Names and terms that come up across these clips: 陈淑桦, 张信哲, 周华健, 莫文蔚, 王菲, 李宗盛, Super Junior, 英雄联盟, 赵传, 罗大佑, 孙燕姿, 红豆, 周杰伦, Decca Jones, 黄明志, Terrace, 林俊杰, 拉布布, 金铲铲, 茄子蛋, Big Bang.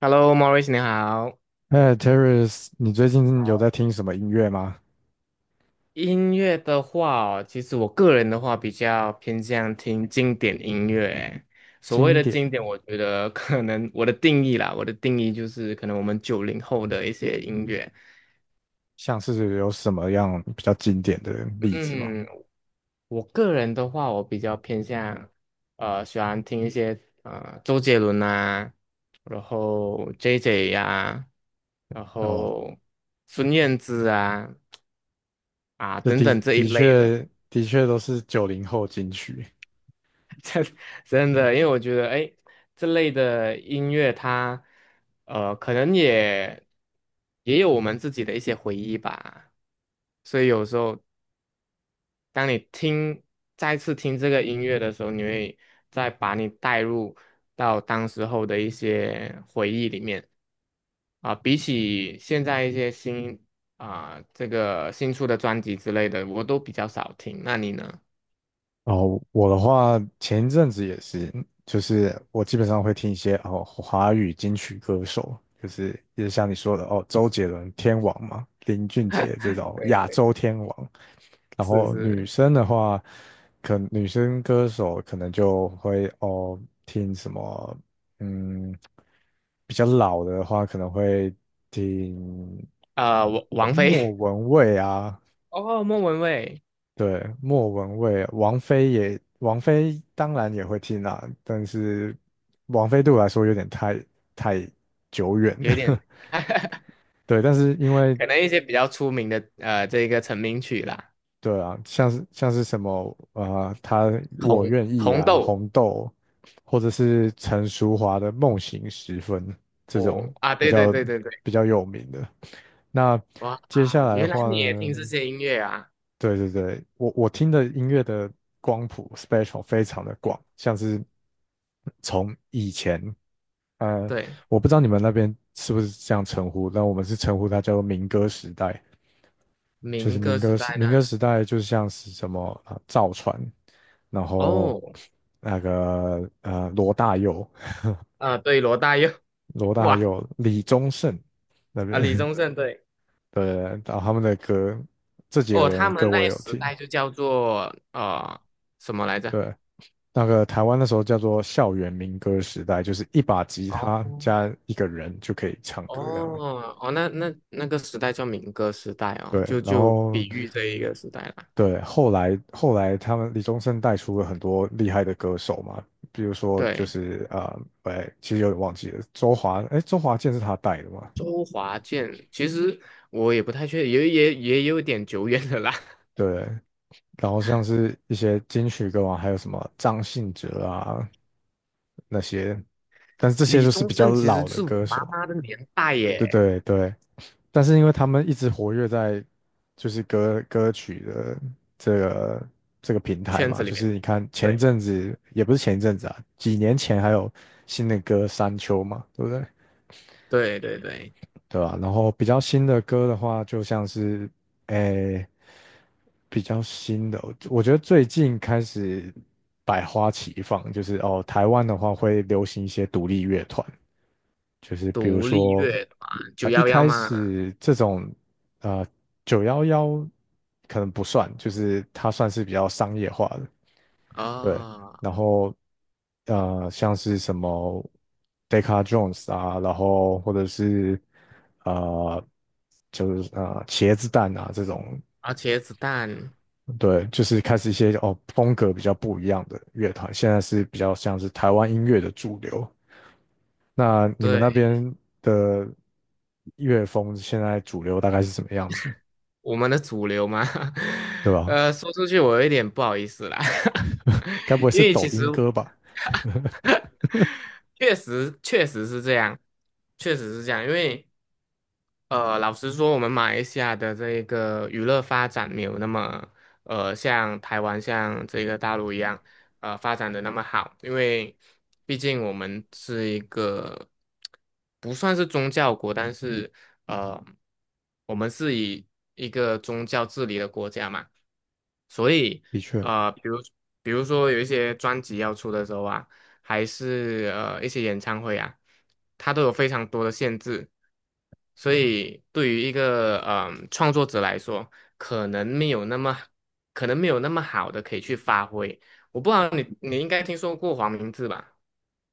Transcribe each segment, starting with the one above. h e l l o m a u r i c 你好。哎，Terrace，你最近有好，在听什么音乐吗？音乐的话哦，其实我个人的话比较偏向听经典音乐欸。所谓经的典，经典，我觉得可能我的定义就是可能我们90后的一些音乐。像是有什么样比较经典的例子吗？嗯，我个人的话，我比较偏向喜欢听一些周杰伦啊，然后 JJ 呀、然哦，后孙燕姿啊这等的等这一的类的。确的确都是九零后金曲。真的，因为我觉得，哎，这类的音乐它，可能也有我们自己的一些回忆吧。所以有时候，当你再次听这个音乐的时候，你会再把你带入到当时候的一些回忆里面啊。比起现在一些新啊，这个新出的专辑之类的，我都比较少听。那你呢？哦，我的话前一阵子也是，就是我基本上会听一些哦华语金曲歌手，就是也是像你说的哦，周杰伦天王嘛，林俊杰这种对亚对，洲天王。然是后女是，生的话，女生歌手可能就会哦听什么，嗯，比较老的话可能会听王菲。莫文蔚啊，哦，莫文蔚对，莫文蔚，王菲当然也会听啦，但是王菲对我来说有点太久远有一点，了，对，但是因为可能一些比较出名的这个成名曲啦，对啊，像是像是什么啊、呃他我红愿意红啊，豆红豆，或者是陈淑桦的《梦醒时分》这种哦啊，比对对较对对对，比较有名的。那哇接下啊，来的原来话你也听这呢，些音乐啊？对，我听的音乐的光谱 spectrum 非常的广，像是从以前，呃，对，我不知道你们那边是不是这样称呼，但我们是称呼它叫做民歌时代。就是民民歌歌时时代那民歌时代，就像是什么啊呃赵传，然后哦罗大佑、啊，对，罗大佑 罗大哇佑、李宗盛那边，啊，李的宗盛对然后他们的歌，这几个哦，人他的们歌那我也一有时听。代就叫做什么来着？对，那个台湾那时候叫做校园民歌时代，就是一把吉哦他加一个人就可以唱哦歌这样。哦，那个时代叫民歌时代对，哦，就然就后比喻这一个时代啦。对，后来他们李宗盛带出了很多厉害的歌手嘛，比如说对，其实有点忘记了，周华健是他带的嘛，周华健，其实我也不太确定，也有点久远的啦。对，然后像是一些金曲歌王，还有什么张信哲啊那些，但是这些李就是宗比较盛其实老的是我歌妈手，妈的年代对耶，对对，但是因为他们一直活跃在就是歌曲的这个这个平台圈子嘛，里就面。是你看前一对阵子也不是前一阵子啊，几年前还有新的歌《山丘》嘛，对不对？对对对，对吧、然后比较新的歌的话，就像是诶、比较新的，我觉得最近开始百花齐放，就是哦，台湾的话会流行一些独立乐团，就是比如独立说，乐团九一幺幺开嘛，始这种呃九幺幺可能不算，就是它算是比较商业化的，对。啊然后像是什么 Decca Jones 啊，然后或者是呃，就是呃茄子蛋啊这种，而且子弹，对，就是开始一些哦风格比较不一样的乐团，现在是比较像是台湾音乐的主流。那你们那对边的乐风现在主流大概是什么样子，我们的主流嘛，对 吧？说出去我有一点不好意思啦，该不会 因是为抖其实 音歌吧？确实确实是这样，确实是这样，因为。老实说，我们马来西亚的这个娱乐发展没有那么，像台湾、像这个大陆一样，发展的那么好，因为毕竟我们是一个不算是宗教国，但是呃，我们是以一个宗教治理的国家嘛。所以的确，呃，比如比如说有一些专辑要出的时候啊，还是一些演唱会啊，它都有非常多的限制，所以对于一个创作者来说，可能没有那么可能没有那么好的可以去发挥。我不知道你应该听说过黄明志吧？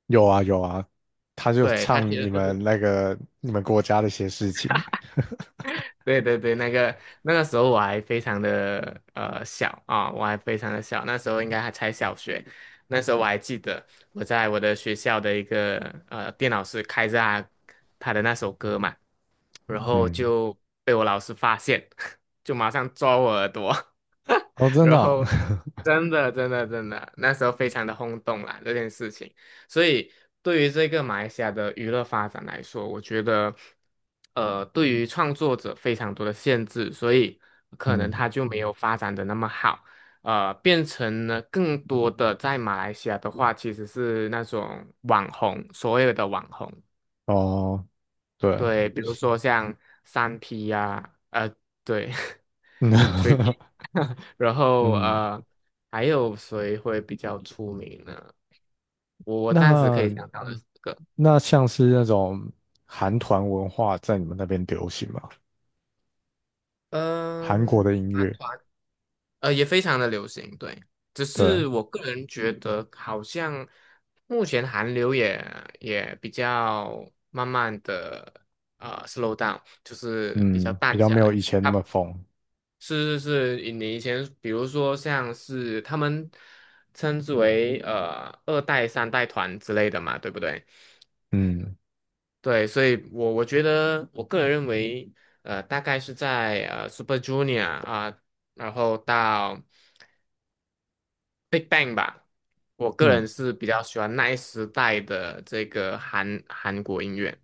有啊有啊，他就对，他其唱实你就们是。那个你们国家的一些事情，对对对，那个时候我还非常的小啊，我还非常的小，那时候应该还才小学。那时候我还记得我在我的学校的一个电脑室开着他的那首歌嘛，然后嗯，就被我老师发现，就马上抓我耳朵，哦，真的然哦 后 真的真的真的，那时候非常的轰动啦这件事情。所以对于这个马来西亚的娱乐发展来说，我觉得，对于创作者非常多的限制，所以可能嗯，他就没有发展的那么好，变成了更多的在马来西亚的话，其实是那种网红，所有的网红。哦，对，对，比如说像三 P 呀、对 t r i 嗯 P，然 后嗯，还有谁会比较出名呢？我暂时可以那想到的四个，像是那种韩团文化在你们那边流行吗？韩国嗯，的音男乐，团，也非常的流行，对，只是对，我个人觉得好像目前韩流也比较慢慢的slow down，就是比较嗯，比淡较下没有来。以前那么疯，是是是，你以前比如说像是他们称之为二代、三代团之类的嘛，对不对？嗯对，所以我觉得我个人认为，大概是在Super Junior 啊、然后到 Big Bang 吧，我个嗯，人是比较喜欢那一时代的这个韩国音乐。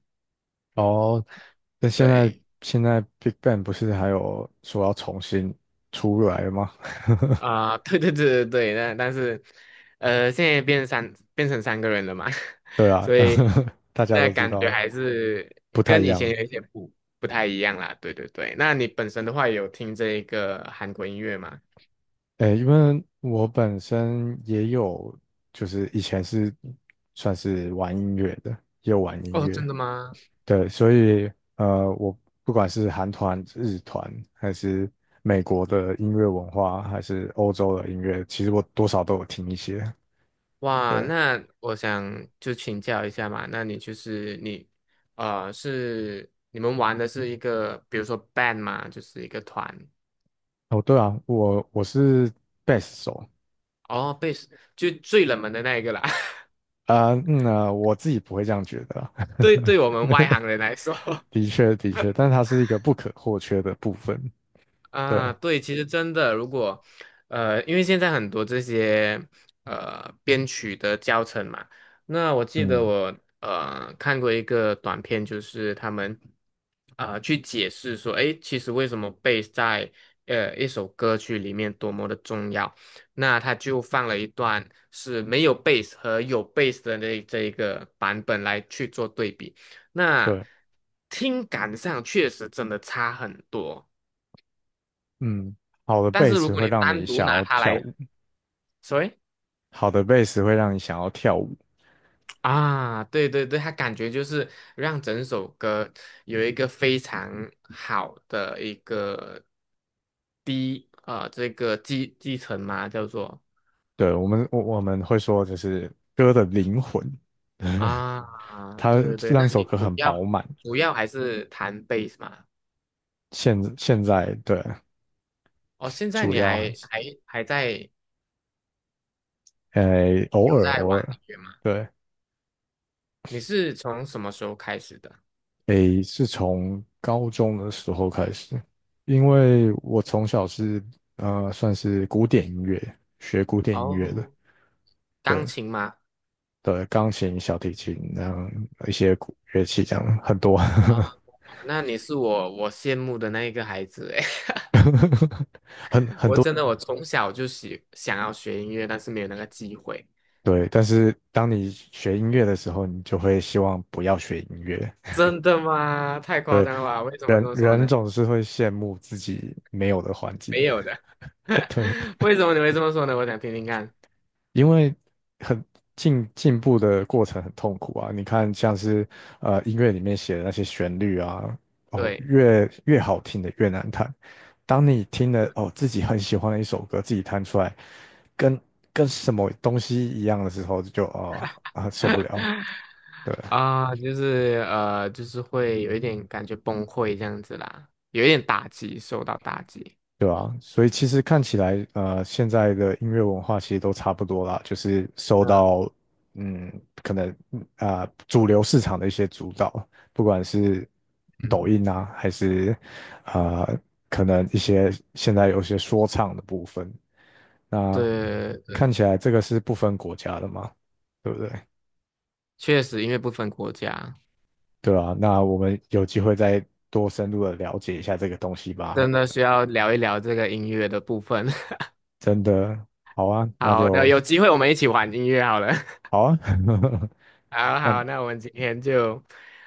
哦，那现在对，现在 Big Bang 不是还有说要重新出来了吗？啊、对对对对对，但是，现在变成三个人了嘛，对啊，所以 大家那都知感觉道还是不太跟一以前样。有一些不太一样啦。对对对，那你本身的话有听这一个韩国音乐吗？诶，因为我本身也有，就是以前是算是玩音乐的，也有玩音哦，乐，真的吗？对，所以我不管是韩团、日团，还是美国的音乐文化，还是欧洲的音乐，其实我多少都有听一些，哇，对。那我想就请教一下嘛，那你就是你，是你们玩的是一个，比如说 band 嘛，就是一个团，哦，对啊，我是贝斯手哦，贝斯就最冷门的那一个啦，我自己不会这样觉得啊 对，对我们外行人来说。的确，但它是一个不可或缺的部分，对，啊，对，其实真的，如果因为现在很多这些编曲的教程嘛，那我记得嗯，我看过一个短片，就是他们去解释说，诶，其实为什么 b a s 斯在一首歌曲里面多么的重要，那他就放了一段是没有 b a s 斯和有 b a s 斯的这一个版本来去做对比，那对，听感上确实真的差很多。嗯，好的但贝是如斯果会你让你单独想拿要它跳来说，舞，所以好的贝斯会让你想要跳舞，啊，对对对，它感觉就是让整首歌有一个非常好的一个低啊、这个继承嘛，叫做对，我们会说就是歌的灵魂，对啊，它对对对，让那一首你歌主很饱要满，主要还是弹贝斯嘛？现在对，哦，现在主你要还还是，还还在呃，偶有尔在偶玩尔，音乐吗？对。你是从什么时候开始的？诶，是从高中的时候开始，因为我从小是算是古典音乐，学古典音乐的，哦，对钢琴吗？对，钢琴、小提琴，然后一些古乐器这样很多，哦，那你是我羡慕的那一个孩子欸 很很我多，真的我从小就想要学音乐，但是没有那个机会。对。但是当你学音乐的时候，你就会希望不要学音乐，真的吗？太夸张了吧？为什么这人么说人呢？总是会羡慕自己没有的环境，没有的。对。为什么你会这么说呢？我想听听看。因为很进步的过程很痛苦啊。你看，像是音乐里面写的那些旋律啊，哦，对，越好听的越难弹。当你听了哦自己很喜欢的一首歌，自己弹出来，跟跟什么东西一样的时候，就啊啊、受不了。对，啊、就是会有一点感觉崩溃这样子啦，有一点打击，受到打击。对啊，所以其实看起来，现在的音乐文化其实都差不多啦，就是受嗯到，嗯，可能主流市场的一些主导，不管是抖嗯，音啊，还是啊、呃可能一些现在有些说唱的部分，那对看对，起来这个是不分国家的嘛，对不对？确实，因为不分国家，对啊，那我们有机会再多深入的了解一下这个东西吧。真的需要聊一聊这个音乐的部分。真的，好啊，那好，那就有机会我们一起玩音乐好了。好啊。好那好，那我们今天就，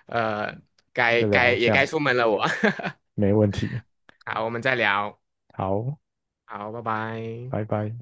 呃，该就该聊这也该样，出门了我。没问题。好，我们再聊。好，好，拜拜。拜拜。